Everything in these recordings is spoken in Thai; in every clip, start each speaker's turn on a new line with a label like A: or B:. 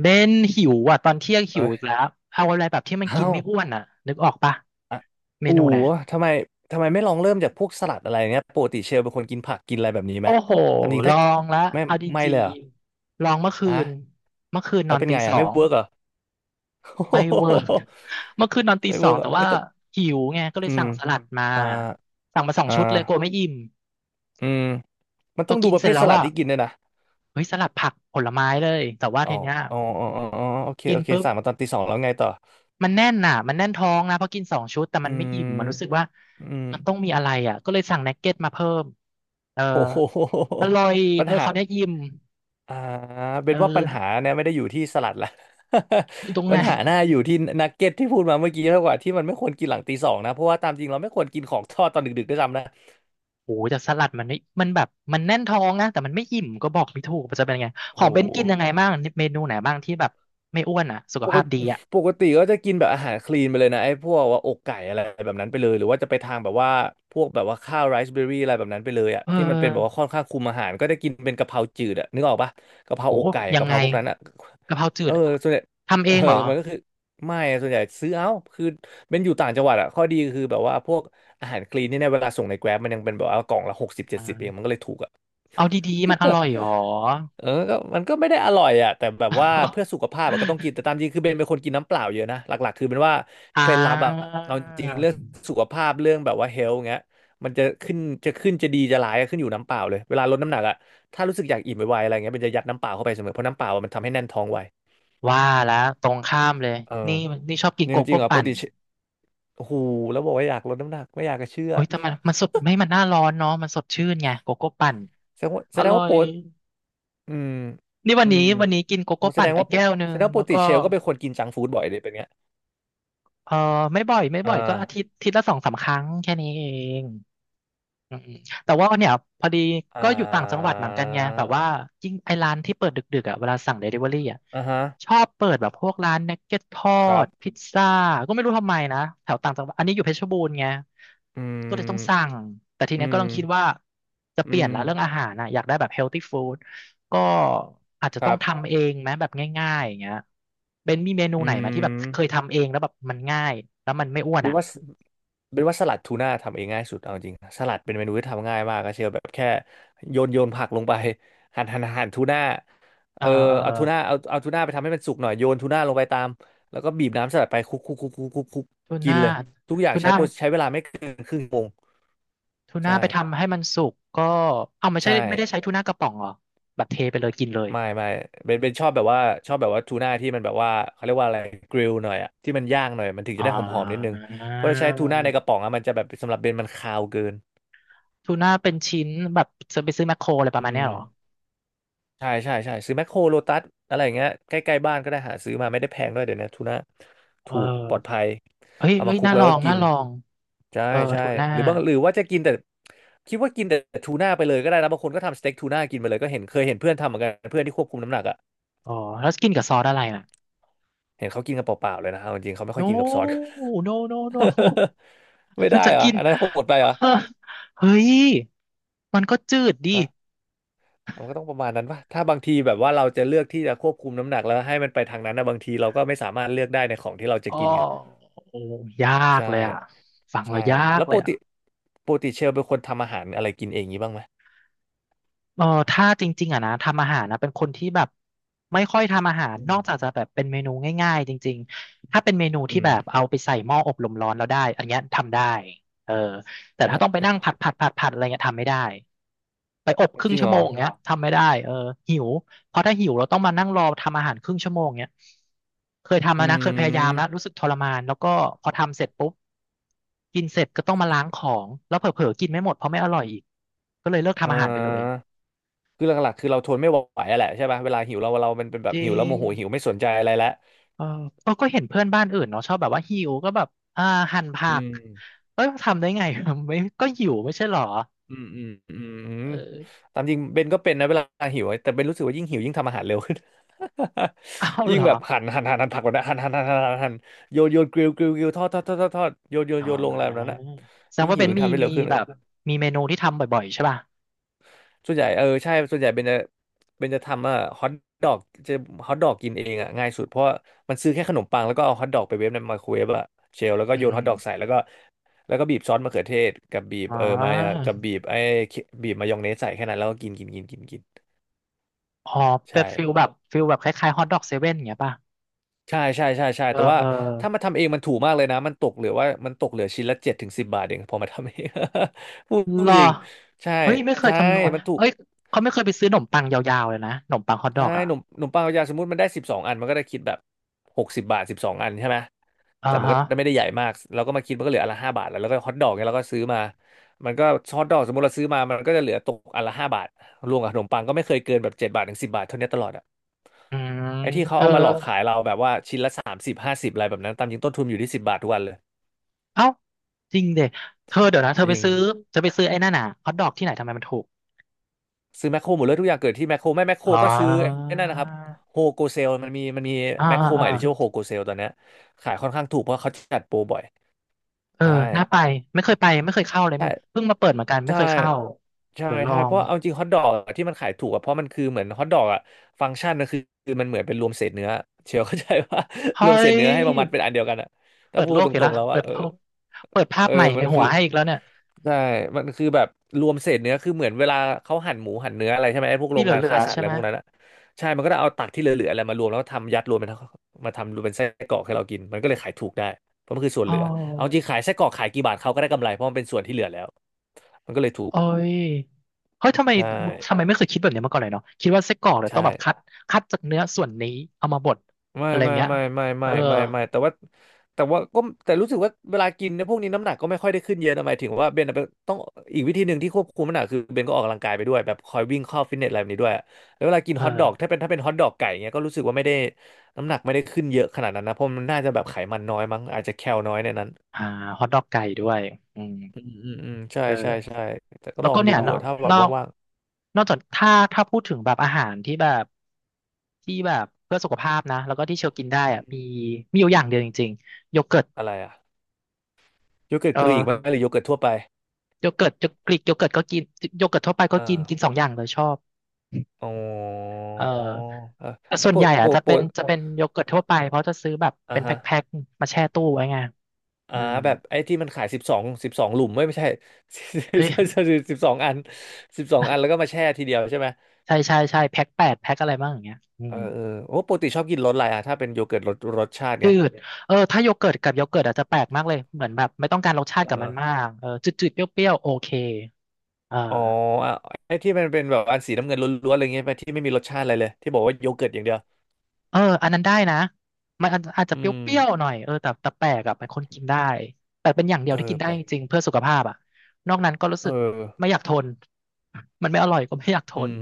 A: เบนหิวอ่ะตอนเที่ยงหิว
B: เอ้
A: อีกแล้
B: ย
A: วเอาอะไรแบบที่มันกิ
B: อ้า
A: น
B: ว
A: ไม่อ้วนอ่ะนึกออกปะ
B: อ่ะ
A: เม
B: อู๋
A: นูนะ
B: ทำไมทำไมไม่ลองเริ่มจากพวกสลัดอะไรเงี้ยปกติเชลเป็นคนกินผักกินอะไรแบบนี้ไหม
A: โอ้โห
B: ตามจริง
A: ล
B: ถ้า
A: องละ
B: ไม่
A: เอาจ
B: ไม่
A: ริ
B: เล
A: ง
B: ยเหรอ
A: ๆลองเมื่อคื
B: อ่ะ
A: นเมื่อคืนน
B: แล้
A: อ
B: ว
A: น
B: เป็น
A: ตี
B: ไง
A: ส
B: อ่ะ
A: อ
B: ไม่
A: ง
B: เวิร์กเหรอ
A: ไม่เวิร์ก เมื่อคืนนอนตี
B: ไม่
A: สอ
B: เวิ
A: ง
B: ร์กเหร
A: แต่
B: อเอ้
A: ว่า
B: ยแต่
A: หิวไงก็เล
B: อื
A: ยสั่
B: ม
A: งสลัดมา
B: อ่า
A: สั่งมาสอง
B: อ่
A: ชุดเลยกลัว
B: า
A: ไม่อิ่ม
B: อืมมัน
A: พ
B: ต้
A: อ
B: องดู
A: กิน
B: ประ
A: เส
B: เภ
A: ร็จ
B: ท
A: แล้
B: ส
A: ว
B: ลัด
A: อ่ะ
B: ที่กินด้วยนะ
A: เฮ้ยสลัดผักผลไม้เลยแต่ว่า
B: อ๋อ
A: ทีเนี้ย
B: อ๋ออ๋ออ๋ออ๋อโอเค
A: กิน
B: โอเค
A: ปุ๊บ
B: สั่งมาตอนตีสองแล้วไงต่อ
A: มันแน่นน่ะมันแน่นท้องนะเพราะกินสองชุดแต่
B: อื
A: มันไม่อิ่มมั
B: ม
A: นรู้สึกว่า
B: อืม
A: มันต้องมีอะไรอ่ะก็เลยสั่งนักเก็ตมาเพิ่มเออ
B: โอ้โห
A: อร่อย
B: ปั
A: เอ
B: ญ
A: อ
B: หา
A: เขาวเนี้ยอิ่ม
B: อ่า
A: เอ
B: เป็นว่าปัญหา
A: อ
B: เนี่ยไม่ได้อยู่ที่สลัดละ
A: อยู่ตรง
B: ปั
A: ไหน
B: ญหาหน้าอยู่ที่นักเก็ตที่พูดมาเมื่อกี้มากกว่าที่มันไม่ควรกินหลังตีสองนะเพราะว่าตามจริงเราไม่ควรกินของทอดตอนดึกๆด้วยซ้ำนะ
A: โอ้โหแต่สลัดมันไม่มันแบบมันแน่นท้องนะแต่มันไม่อิ่มก็บอกไม่ถูกมันจะเป็นไงขอ
B: โอ้
A: ง
B: โ
A: เบนกินยังไง
B: ห
A: บ้างเมนูไหนบ้างที่แบบไม่อ้วนอ่ะสุข
B: ปก
A: ภาพ
B: ติ
A: ดีอ่ะ
B: ปกติก็จะกินแบบอาหารคลีนไปเลยนะไอ้พวกว่าอกไก่อะไรแบบนั้นไปเลยหรือว่าจะไปทางแบบว่าพวกแบบว่าข้าวไรซ์เบอร์รี่อะไรแบบนั้นไปเลยอ่ะ
A: เออ
B: ที่มันเป็นแบบว่าค่อนข้างคุมอาหารก็จะกินเป็นกะเพราจืดอ่ะนึกออกปะกะเพรา
A: โอ้
B: อกไก่
A: ยัง
B: กะเพ
A: ไง
B: ราพวกนั้นอ่ะ
A: กะเพราจื
B: เออ
A: ด
B: ส่วนใหญ่
A: ทำ
B: เอ
A: เอ
B: อ
A: งเหรอ
B: มันก็คือไม่ส่วนใหญ่ซื้อเอาคือเป็นอยู่ต่างจังหวัดอ่ะข้อดีคือแบบว่าพวกอาหารคลีนนี่เนี่ยเวลาส่งในแกร็บมันยังเป็นแบบว่ากล่องละ6070เองมั
A: อ่า
B: นก็เลยถูกอ่ะ
A: เอาดีๆมันอร่อยเหรอ
B: เออก็มันก็ไม่ได้อร่อยอ่ะแต่แบบว่าเพื่อสุขภาพอะก็ต้องกิน แต่ ตามจริงคือเบนเป็นคนกินน้ำเปล่าเยอะนะหลักๆคือเป็นว่า
A: อ่
B: เคล็ดลับอะ
A: า
B: เอาจริงเรื่องสุขภาพเรื่องแบบว่าเฮลท์เงี้ยมันจะขึ้นจะขึ้นจะดีจะร้ายอะขึ้นอยู่น้ำเปล่าเลยเวลาลดน้ำหนักอะถ้ารู้สึกอยากอิ่มไวๆอะไรเงี้ยเบนจะยัดน้ำเปล่าเข้าไปเสมอเพราะน้ำเปล่าอะมันทำให้แน่นท้องไว
A: ว่าแล้วตรงข้ามเลย
B: เออ
A: นี่นี่ชอบกิน
B: จ
A: โก
B: ริงจริ
A: โก้
B: งเหรอป
A: ปั่
B: ก
A: น
B: ติเชโอ้โหแล้วบอกว่าอยากลดน้ำหนักไม่อยากจะเชื่อ
A: เฮ้ยแต่มันมันสดไม่มันหน้าร้อนเนาะมันสดชื่นไงโกโก้ปั่น
B: แสดงว่าแส
A: อ
B: ดง
A: ร่อ
B: ว่าโป
A: ย
B: รดอืม
A: นี่วัน
B: อื
A: นี้
B: ม
A: วันนี้กินโก
B: อ๋อ
A: โก้ปั่นไปแก้วหนึ่
B: แส
A: ง
B: ดงว่าป
A: แล้
B: ก
A: ว
B: ติ
A: ก็
B: เชลก็เป็นคนกินจังก์ฟู้ดบ่อยเลยเป็นเงี้ย
A: เออไม่บ่อยไม่
B: อ่
A: บ่อยก็อาทิ
B: า
A: ตย์อาทิตย์ละสองสามครั้งแค่นี้เอง อืมอืมแต่ว่าเนี่ยพอดี
B: อ่
A: ก็อยู่ต่างจังหวัด
B: า
A: เหมือนกันไงแบบว่ายิ่งไอ้ร้านที่เปิดดึกๆอ่ะเวลาสั่งเดลิเวอรี่อ่ะ
B: อ่าฮะ
A: ชอบเปิดแบบพวกร้านนักเก็ตทอ
B: ครับ
A: ดพิซซ่าก็ไม่รู้ทำไมนะแถวต่างจังหวัดอันนี้อยู่เพชรบูรณ์ไง
B: อื
A: ก็เลยต้อง
B: ม
A: สั่งแต่ที
B: อื
A: เนี้ยก็
B: ม
A: ต้องคิดว่าจะ
B: อื
A: เปลี่ยนละเรื่องอา
B: ม
A: หารนะอยากได้แบบเฮลตี้ฟู้ดก็อาจจะ
B: ค
A: ต้อ
B: รั
A: ง
B: บ
A: ทำเองไหมแบบง่ายๆอย่างเงี้ยเบนมีเมนูไห
B: อื
A: นไหมที่แบบเคย
B: ม
A: ทำเองแล้วแบบมันง่ายแล้วมันไม่อ้วน
B: เป็น
A: อ่ะ
B: ว่าเป็นว่าสลัดทูน่าทำเองง่ายสุดเอาจริงสลัดเป็นเมนูที่ทำง่ายมากก็เชียวแบบแค่โยนโยนผักลงไป หั่นหั่นหั่นทูน่า
A: เอ
B: เอ
A: อ
B: อ
A: เออเอ
B: เอา
A: อ
B: ทูน่าเอาทูน่าไปทำให้มันสุกหน่อยโยนทูน่าลงไปตามแล้วก็บีบน้ำสลัดไปคลุกคลุกคลุกคลุกคลุกคลุก
A: ทู
B: กิน
A: น่า
B: เลยทุกอย่าง
A: ทู
B: ใช้
A: น่า
B: โปรใช้เวลาไม่เกินครึ่งชั่วโมง
A: ทูน่า
B: ใช่
A: ไปทำให้มันสุกก็เอาไม่ใช่
B: ใช่
A: ไม่ได้ใช้ทูน่ากระป๋องเหรอแบบเทไปเลยกินเลย
B: ไม่ไม่เป็นชอบแบบว่าทูน่าที่มันแบบว่าเขาเรียกว่าอะไรกริลหน่อยอะที่มันย่างหน่อยมันถึงจะ
A: อ่
B: ได้หอมๆนิดนึง
A: า
B: เพราะถ้าใช้ทูน่าในกระป๋องอะมันจะแบบสำหรับเบนมันคาวเกิน
A: ทูน่าเป็นชิ้นแบบจะไปซื้อแมคโครอะไรป
B: อื
A: ระมาณเนี้ย
B: ม
A: เหรอ
B: ใช่ใช่ใช่ซื้อแมคโครโลตัสอะไรอย่างเงี้ยใกล้ๆบ้านก็ได้หาซื้อมาไม่ได้แพงด้วยเดี๋ยวนี้ทูน่า
A: เอ
B: ถูกปลอด
A: อ
B: ภัย
A: เฮ้ย
B: เอา
A: เฮ้
B: มา
A: ย
B: คลุก
A: น่า
B: แล้
A: ล
B: ว
A: อ
B: ก็
A: ง
B: กิ
A: น่า
B: น
A: ลอง
B: ใช่
A: เออ
B: ใช่
A: ทูน่า
B: หรือบางหรือว่าจะกินแต่คิดว่ากินแต่ทูน่าไปเลยก็ได้นะบางคนก็ทำสเต็กทูน่ากินไปเลยก็เห็นเคยเห็นเพื่อนทำเหมือนกันเพื่อนที่ควบคุมน้ำหนักอะ
A: อ๋อแล้วกินกับซอสอะไรน่ะ
B: เห็นเขากินกันเปล่าๆเลยนะเอาจริงๆเขาไม่
A: โน
B: ค่อยกินกับซอส
A: โนโนโน
B: ไม่
A: มั
B: ได้
A: น จะ
B: เหรอ
A: กิน
B: อันนั้นโหดไปเหรอ
A: เฮ้ยมันก็จืดดิ
B: ฮะมันก็ต้องประมาณนั้นป่ะถ้าบางทีแบบว่าเราจะเลือกที่จะควบคุมน้ำหนักแล้วให้มันไปทางนั้นนะบางทีเราก็ไม่สามารถเลือกได้ในของที่เราจะ
A: อ๋อ
B: กินไง
A: โอ้ยาก
B: ใช่
A: เลยอ่ะฟังแล้ว
B: ใช่
A: ยาก
B: แล้ว
A: เล
B: ป
A: ย
B: ก
A: อ่ะ
B: ติปกติเชลเป็นคนทำอาหารอะไรกินเองงี้บ้างไหม
A: เออถ้าจริงๆอ่ะนะทำอาหารนะเป็นคนที่แบบไม่ค่อยทำอาหาร
B: อื
A: น
B: ม
A: อกจากจะแบบเป็นเมนูง่ายๆจริงๆถ้าเป็นเมนูที่
B: อืม
A: แบบเอาไปใส่หม้ออบลมร้อนแล้วได้อันเนี้ยทำได้เออแต่ถ้า
B: นะ
A: ต้องไป
B: ไอ้
A: นั่
B: พ
A: ง
B: วก
A: ผัดผัดผัดผัดอะไรเงี้ยทำไม่ได้ไปอบครึ่
B: จ
A: ง
B: ริง
A: ชั่
B: เหร
A: วโม
B: อ
A: งเงี้ยทำไม่ได้เออหิวเพราะถ้าหิวเราต้องมานั่งรอทำอาหารครึ่งชั่วโมงเงี้ยเคยทำ
B: อื
A: แล้วนะเคยพยายา
B: ม
A: มแล้วรู้สึกทรมานแล้วก็พอทำเสร็จปุ๊บกินเสร็จก็ต้องมาล้างของแล้วเผลอๆกินไม่หมดเพราะไม่อร่อยอีกก็เลยเลิก
B: อ่
A: ทำอาหารไปเลย
B: าคือหลักๆคือเราทนไม่ไหวอะแหละใช่ป่ะเวลาหิวเรามันเป็นแบ
A: จ
B: บ
A: ริ
B: หิวแล้วโม
A: ง
B: โหหิวไม่สนใจอะไรแล้ว
A: เออเออก็เห็นเพื่อนบ้านอื่นเนาะชอบแบบว่าหิวก็แบบ อ่าหั่นผั
B: อื
A: ก
B: ม
A: เอ้ยทำได้ไง ไม่ก็หิวไม่ใช่เหรอ
B: อืมอืมอืมอืม
A: เออ
B: ตามจริงเบนก็เป็นนะเวลาหิวแต่เบนรู้สึกว่ายิ่งหิวยิ่งทำอาหารเร็วขึ้น
A: เอา เห
B: ยิ่
A: ร
B: ง
A: อ
B: แบบหั่นหั่นหั่นหั่นผักแบบนั้นหั่นหั่นหั่นหั่นหั่นหั่นโยนโยนกริลกริลกริลทอดทอดทอดทอดทอดโยนโยน
A: อ๋
B: โยนลงอะไรแบบนั้น
A: อ
B: อ่ะ
A: แสด
B: ยิ่
A: ง
B: ง
A: ว่า
B: หิ
A: เป็
B: ว
A: น
B: ยิ่ง
A: มี
B: ทำได้เร็
A: มี
B: วขึ้น
A: แบบมีเมนูที่ทำบ่อยๆใช่ป่ะ
B: ส่วนใหญ่เออใช่ส่วนใหญ่เป็นจะทำอ่ะฮอทดอกจะฮอทดอกกินเองอ่ะง่ายสุดเพราะว่ามันซื้อแค่ขนมปังแล้วก็เอาฮอทดอกไปเวฟในไมโครเวฟอ่ะเชลแล้วก็
A: อื
B: โยน
A: ม
B: ฮอทดอกใส่แล้วก็บีบซอสมะเขือเทศกับบีบ
A: อ๋
B: มายอง
A: อ
B: กับเคบีบมายองเนสใส่แค่นั้นแล้วก็กินกินกินกินกิน
A: อ๋อเป็น
B: ใช่
A: ฟิลแบบฟิลแบบคล้ายๆฮอทดอกเซเว่นอย่างเงี้ยป่ะ
B: ใช่ใช่ใช่ใช่
A: เออ
B: แต่ว่า
A: เออ
B: ถ้ามาทำเองมันถูกมากเลยนะมันตกเหลือว่ามันตกเหลือชิ้นละ7 ถึง 10 บาทเองพอมาทำเอง พูด
A: เหรอ
B: จริงใช่
A: เฮ้ยไม่เคย
B: ใช่
A: คำนวณ
B: มันถูก
A: เอ้ยเขาไม่เคยไปซื้อขนมปังยาวๆเลยนะขนมปังฮอทด
B: ใช่
A: อกอ่ะ
B: หนุ่มหนุ่มปังกับยางสมมติมันได้สิบสองอันมันก็ได้คิดแบบ60 บาทสิบสองอันใช่ไหม
A: อ่า
B: แต่มัน
A: ฮะ
B: ก็ไม่ได้ใหญ่มากเราก็มาคิดมันก็เหลืออันละห้าบาทแล้วแล้วก็ฮอทดอกเนี่ยเราก็ซื้อมามันก็ฮอทดอกสมมติเราซื้อมามันก็จะเหลือตกอันละห้าบาทรวมกับขนมปังก็ไม่เคยเกินแบบ7 บาท ถึง 10 บาทเท่านี้ตลอดอะ
A: อืม
B: ไอ้ที่เขา
A: เธอ
B: เอามาหลอกขายเราแบบว่าชิ้นละ30 50อะไรแบบนั้นตามจริงต้นทุนอยู่ที่สิบบาททุกวันเลย
A: เอ้าจริงเด็เธอเดี๋ยวนะเธอ
B: จ
A: ไป
B: ริง
A: ซื้อเธอไปซื้อไอ้นั่นน่ะฮอทดอกที่ไหนทำไมมันถูก
B: ซื้อแมคโครหมดเลยทุกอย่างเกิดที่แมคโครไม่แมคโคร
A: อ๋อ
B: ก็ซื้อไอ้นั่นนะครับโฮโกเซลมันมี
A: อ่า
B: แมคโค
A: อ่า
B: รให
A: อ่า
B: ม่ที่ชื่อว่าโฮโกเซลตอนเนี้ยขายค่อนข้างถูกเพราะเขาจัดโปรบ่อย
A: เออ
B: ได้
A: น่าไปไม่เคยไปไม่เคยเข้าเลย
B: ใช่
A: มั้งเพิ่งมาเปิดเหมือนกันไม่
B: ใช่
A: เคยเข้า
B: ใช่
A: เดี๋ยวลอ
B: ใช่เพ
A: ง
B: ราะเอาจริงฮอทดอกที่มันขายถูกอะเพราะมันคือเหมือนฮอทดอกอะฟังก์ชันนะคือมันเหมือนเป็นรวมเศษเนื้อเชียว เข้าใจว่า
A: เฮ้
B: รวมเศษ
A: ย
B: เนื้อให้มามัดเป็นอันเดียวกันอะ
A: เปิ
B: ถ้า
A: ด
B: พู
A: โล
B: ด
A: ก
B: ต
A: อีก
B: ร
A: แล้
B: ง
A: ว
B: ๆแล้ว
A: เปิ
B: อะ
A: ด
B: เออ
A: โลกเปิดภา
B: เอ
A: พ
B: อ
A: ใหม่ใน
B: มัน
A: หั
B: คื
A: ว
B: อ
A: ให้อีกแล้วเนี่ย
B: ใช่มันคือแบบรวมเศษเนื้อคือเหมือนเวลาเขาหั่นหมูหั่นเนื้ออะไรใช่ไหมไอ้พวกโร
A: ที่
B: ง
A: เห
B: งาน
A: ลือ
B: ฆ่าสั
A: ๆ
B: ตว์
A: ใช่
B: อะไร
A: ไหม
B: พวกนั้นอะใช่มันก็ได้เอาตักที่เหลือๆอะไรมารวมแล้วทำยัดรวมเป็นมาทำรวมเป็นไส้กรอกให้เรากินมันก็เลยขายถูกได้เพราะมันคือส่วน
A: อ๋อ
B: เหลือเอาจริงขายไส้กรอกขายกี่บาทเขาก็ได้กำไรเพราะมันเป็นส่วนที่เหลือแล้วมันก็เลยถูก
A: โอ้ยเฮ้ยทำไม
B: ใช่
A: ทำไมไม่เคยคิดแบบนี้มาก่อนเลยเนาะคิดว่าไส้กรอกเนี่ยต้อง
B: ใช่
A: แบบคัดคัดจากเนื้อส่วนนี้เอามาบด
B: ไม่
A: อะไร
B: ไม่
A: เงี้ย
B: ไม่ไม่
A: เอ
B: ไม่
A: อ
B: ไม่ไม่แต่ว่าก็แต่รู้สึกว่าเวลากินเนี่ยพวกนี้น้ำหนักก็ไม่ค่อยได้ขึ้นเยอะนะหมายถึงว่าเบนอะเป็นต้องอีกวิธีหนึ่งที่ควบคุมน้ำหนักคือเบนก็ออกกำลังกายไปด้วยแบบคอยวิ่งเข้าฟิตเนสอะไรแบบนี้ด้วยแล้วเวลากิน
A: เออ
B: ฮอทดอกถ้าเป็นฮอทดอกไก่เงี้ยก็รู้สึกว่าไม่ได้น้ำหนักไม่ได้ขึ้นเยอะขนาดนั้นนะเพราะมันน่าจะแบบไขมันน้อยมั้งอาจจะแคลน้อยในนั้น
A: อ่าฮอทดอกไก่ด้วย อืม
B: อืมอืมอืมใช่
A: เออ
B: ใช่ใช่แต่ก็
A: แล้
B: ล
A: ว
B: อ
A: ก็
B: งดู
A: เนี่ย
B: อะถ้าแบ
A: น
B: บ
A: อก
B: ว่าง
A: นอกจากถ้าพูดถึงแบบอาหารที่แบบที่แบบเพื่อสุขภาพนะแล้วก็ที่เชลกินได้
B: ๆอื
A: อะ
B: ม
A: มีอยู่อย่างเดียวจริงๆโยเกิร์ต
B: อะไรอะโยเกิร์ต
A: เอ
B: กรีกไหม
A: อ
B: หรือโยเกิร์ตทั่วไป
A: โยเกิร์ตกรีกโยเกิร์ตก็กินโยเกิร์ตทั่วไปก็
B: อ่
A: กินกิน
B: า
A: สองอย่างเลยชอบ
B: อ๋อ
A: เออ
B: เออ
A: แต่
B: แล้
A: ส่
B: ว
A: วน
B: ป
A: ให
B: ก
A: ญ่
B: ป
A: อ่ะ
B: ก
A: จะ
B: ป
A: เป็น
B: ก
A: จะเป็นโยเกิร์ตทั่
B: อ่ะ
A: วไปเพราะจะซื้อแบบเป็
B: อ่า
A: นแพ
B: ฮะ
A: ็คๆมาแช่ตู้ไว้ไง
B: อ่า
A: อืม
B: แบบไอ้ที่มันขายสิบสองสิบสองหลุมไม่ไม่ใช่
A: เฮ้ย
B: สิบสองอัน12 อันแล้วก็มาแช่ทีเดียวใช่ไหม
A: ใช่ใช่ใช่แพ็คแปดแพ็คอะไรบ้างอย่างเงี้ยอื
B: เอ
A: ม
B: อเออโอ้ปกติชอบกินรสอะไรอ่ะถ้าเป็นโยเกิร์ตรสชาติ
A: จื
B: เนี้ย
A: ดเออถ้าโยเกิร์ตกับโยเกิร์ตอาจจะแปลกมากเลยเหมือนแบบไม่ต้องการรสชาติกับ
B: เอ
A: มัน
B: อ
A: มากเออจืดๆเปรี้ยวๆโอเคเออ
B: อ๋ออ่ะไอ้ที่มันเป็นแบบอันสีน้ำเงินล้วนๆอะไรเงี้ยไปที่ไม่มีรสชาติอะไรเลยที่บอกว่าโยเกิร์ตอย่างเดียว
A: เอออันนั้นได้นะมันอาจจะ
B: อื
A: เปร
B: ม
A: ี้ยวๆหน่อยเออแต่แปลกอะเป็นคนกินได้แต่เป็นอย่างเดีย
B: เอ
A: วที่
B: อ
A: กินได้
B: แปล
A: จ
B: ก
A: ริงๆเพื่อสุขภาพอะนอกนั้นก็รู้
B: เอ
A: สึ
B: อ
A: กไม่อยากทนมันไม่อร่อยก็ไม่อยากท
B: อื
A: น
B: ม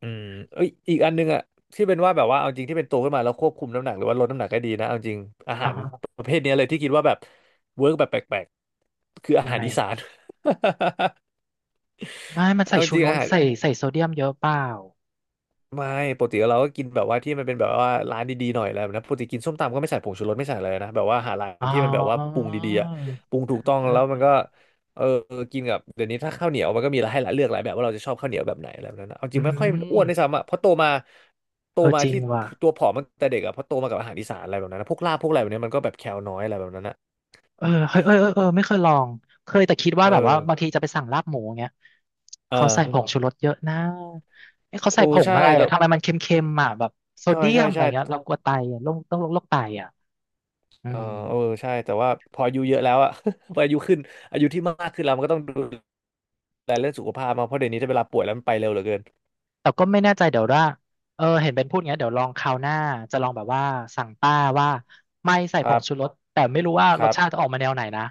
B: อืมเอ้ยอีกอันนึงอะที่เป็นว่าแบบว่าเอาจริงที่เป็นโตขึ้นมาแล้วควบคุมน้ำหนักหรือว่าลดน้ำหนักก็ดีนะเอาจริงอา
A: อ่า
B: หาร
A: ฮะ
B: ประเภทเนี้ยเลยที่คิดว่าแบบเวิร์กแบบแปลกๆ คืออา
A: ยัง
B: หาร
A: ไง
B: อีสาน
A: ไม่มันใส่
B: เอา
A: ชู
B: จริง
A: ร
B: อา
A: ส
B: หาร
A: ใส่โซเดียมเยอะเปล่า
B: ไม่ปกติเราก็กินแบบว่าที่มันเป็นแบบว่าร้านดีๆหน่อยอะไรแล้วนะปกติกินส้มตำก็ไม่ใส่ผงชูรสไม่ใส่อะไรนะแบบว่าหาร้า
A: อ๋
B: น
A: อ
B: ที่มันแบบว่าปรุงดีๆอะปรุงถูกต้อง
A: เอ
B: แล้วมันก็
A: อ
B: เออกินกับเดี๋ยวนี้ถ้าข้าวเหนียวมันก็มีให้เลือกหลายแบบว่าเราจะชอบข้าวเหนียวแบบไหนอะไรแบบนั้นนะเอาจ
A: อื
B: ริงไม่ค่อยอ้วนด้วย
A: ม
B: ซ้ำอะเพราะโตมาโต
A: เออ
B: มา
A: จริง
B: ที่
A: ว่ะ
B: ตัวผอมตั้งแต่เด็กอะเพราะโตมากับอาหารอีสานอะไรแบบนั้นนะพวกลาบพวกอะไรแบบนี้มันก็แบบแคลน้อยอะไรแบบนั้นนะ
A: เออเฮ้ยเออเออเออไม่เคยลองเคยแต่คิดว่า
B: เอ
A: แบบว่า
B: อ
A: บางทีจะไปสั่งลาบหมูเงี้ยเขาใส่ผ
B: เออ
A: งชูรสเยอะนะเอ้เขาใส่
B: โอ้
A: ผง
B: ใช่
A: อะไร
B: แต่
A: อะทำไมมันเค็มๆอ่ะแบบโซ
B: ใช่
A: เดีย
B: ใช่
A: มอะไร
B: ใช่
A: เงี้ยเรากลัวไตอะโรคต้องโรคไตอ่ะอื
B: เออ
A: ม
B: เออใช่ แต่ว่าพออายุเยอะแล้วอะ พออายุขึ้น อายุที่มากขึ้นแล้วมันก็ต้องดูแลเรื่องสุขภาพมากเพราะเดี๋ยวนี้ถ้าเวลาป่วยแล้วมันไปเร็วเหลือเกิน
A: แต่ก็ไม่แน่ใจเดี๋ยวว่าเออเห็นเป็นพูดอย่างเงี้ยเดี๋ยวลองคราวหน้าจะลองแบบว่าสั่งป้าว่าไม่ใส่
B: ค
A: ผ
B: รั
A: งชูร
B: บ
A: สแต่ไม่รู้ว่า
B: ค
A: รส
B: รับ
A: ชาติจะออกมาแนวไหนนะ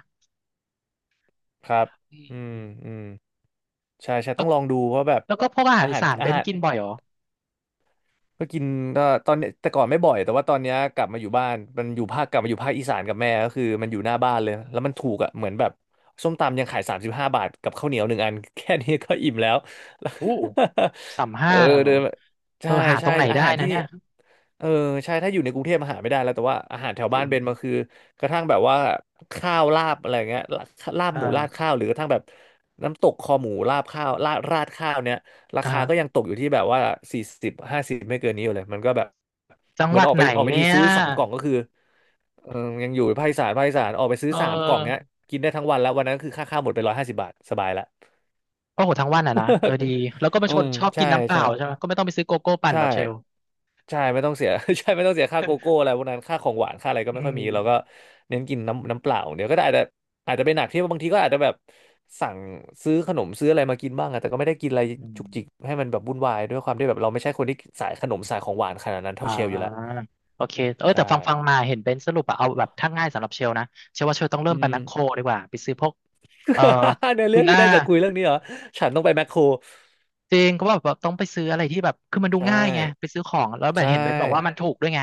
B: ครับ
A: อื
B: อืม
A: ม
B: อืมใช่ใช่
A: แล้
B: ต้อ
A: ว
B: งลองดูว่าแบบ
A: แล้วก็พวกอาหา
B: อา
A: รอี
B: หาร
A: สานเบ
B: อา
A: น
B: หาร
A: กินบ่อยเหรอ
B: ก็กินก็ตอนเนี้ยแต่ก่อนไม่บ่อยแต่ว่าตอนเนี้ยกลับมาอยู่บ้านมันอยู่ภาคกลับมาอยู่ภาคอีสานกับแม่ก็คือมันอยู่หน้าบ้านเลยแล้วมันถูกอ่ะเหมือนแบบส้มตำยังขาย35 บาทกับข้าวเหนียวหนึ่งอัน แค่นี้ก็อิ่มแล้ว
A: อู้สาม
B: เอ
A: ห้า
B: อ
A: น่ะเหรอ
B: เดิน
A: เอ
B: ใช่
A: อหาตร
B: ใช่
A: งไหน
B: อา
A: ได้
B: หารที่
A: นะ
B: นี่
A: เนี่ย
B: เออใช่ถ้าอยู่ในกรุงเทพอาหารไม่ได้แล้วแต่ว่าอาหารแถว
A: จ
B: บ้า
A: ริ
B: น
A: ง
B: เบนมันคือกระทั่งแบบว่าข้าวลาบอะไรเงี้ยลาบ
A: เออ
B: หมูราดข้าวหรือกระทั่งแบบน้ำตกคอหมูราดข้าวราดข้าวเนี้ย รา
A: อ่า
B: คา
A: ฮะ
B: ก็ยังตกอยู่ที่แบบว่า40-50ไม่เกินนี้อยู่เลยมันก็แบบ
A: จัง
B: เหมื
A: ห
B: อน
A: วัด
B: ออก
A: ไห
B: ไป
A: น
B: ออกไป
A: เนี่
B: ที่
A: ย
B: ซื้อสามกล่องก็คือเออยังอยู่ภาคอีสานภาคอีสานออกไปซื้อ
A: เอ
B: สามกล่องเนี้
A: อ
B: ยกินได้ทั้งวันแล้ววันนั้นคือค่าข้าวหมดไป150 บาทสบายละ
A: โอ้โหทั้งวันอ่ะนะเออดีแล้วก็เป็ น
B: อื
A: คน
B: ม
A: ชอบกิ
B: ใช่
A: นน้ำเปล่า
B: ใช่
A: ใช่ไหมก็ไม่ต้องไปซื้อโกโก้ปั่น
B: ใช่
A: แบบเชล
B: ใช่ไม่ต้องเสีย ใช่ไม่ต้องเสียค่าโกโก้อะไรพวกนั้นค่าของหวานค่าอะไรก็
A: อื
B: ไม่ค่อย
A: ม
B: มีเราก็เน้นกินน้ำเปล่าเดี๋ยวก็ได้อาจจะเป็นหนักที่บางทีก็อาจจะแบบสั่งซื้อขนมซื้ออะไรมากินบ้างอะแต่ก็ไม่ได้กินอะไร
A: อื
B: จุ
A: ม
B: กจิกให้มันแบบวุ่นวายด้วยความที่แบบเราไม่ใช่คนที่สายขนมสายของหวานขนาดนั้น
A: อ่
B: เท่าเชลอยู่แล้ว
A: าโอเคเออแต่
B: ใช่
A: ฟังมาเห็นเบนซ์สรุปอะเอาแบบถ้าง่ายสำหรับเชลนะเชลว่าเชลต้องเริ่
B: อื
A: มไปแม
B: ม
A: คโครดีกว่าไปซื้อพวกเอ่อ
B: ใน
A: ทู
B: เรื่องที่
A: น่า
B: ได้จากคุยเรื่องนี้เหรอฉันต้องไปแมคโคร
A: จริงก็แบบว่าต้องไปซื้ออะไรที่แบบคือมันดู
B: ใช่
A: ง่ายไงไปซื้อของแล้วแบบ
B: ใช่
A: เห็นเบนซ์บอกว่ามันถูกด้วยไง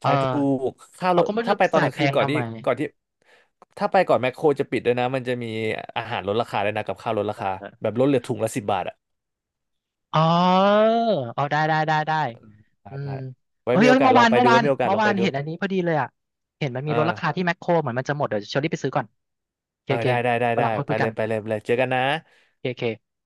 A: เอ
B: ใช่
A: อ
B: ถูกค่าร
A: เรา
B: ถ
A: ก็ไม่รู้
B: ถ้าไป
A: จะ
B: ตอน
A: จ่า
B: ก
A: ย
B: ลาง
A: แพ
B: คืน
A: ง
B: ก่อน
A: ทำ
B: ที่
A: ไม
B: ก่อนที่ ถ้าไปก่อนแมคโครจะปิดด้วยนะ มันจะมีอาหารลดราคาด้วยนะ กับข้าวลดราคาแบบลดเหลือถุงละสิบบาทอ่ะ
A: อ๋อเอาได้ได้ได้ได้
B: อืมได้
A: อืม
B: ได้ไว้
A: เอ้ย
B: มี
A: เอ้
B: โอ
A: ย
B: กาส
A: เมื่อ
B: ล
A: วา
B: อง
A: น
B: ไป
A: เมื่อ
B: ดู
A: วา
B: ไว้
A: น
B: มีโอกาส
A: เมื่อ
B: ลอง
A: วา
B: ไป
A: น
B: ดู
A: เห็นอันนี้พอดีเลยอ่ะเห็นมันมี
B: เอ
A: ลดราคา
B: อ
A: ที่แมคโครเหมือนมันจะหมดเดี๋ยวเชอรี่ไปซื้อก่อนโอเค
B: เออ
A: โอเค
B: ได้ได้ได้
A: วันห
B: ได้
A: ลังค่อย
B: ไป
A: คุย
B: เล
A: กัน
B: ยไปเลยไปเลยเจอกันนะ
A: โอเคโอเค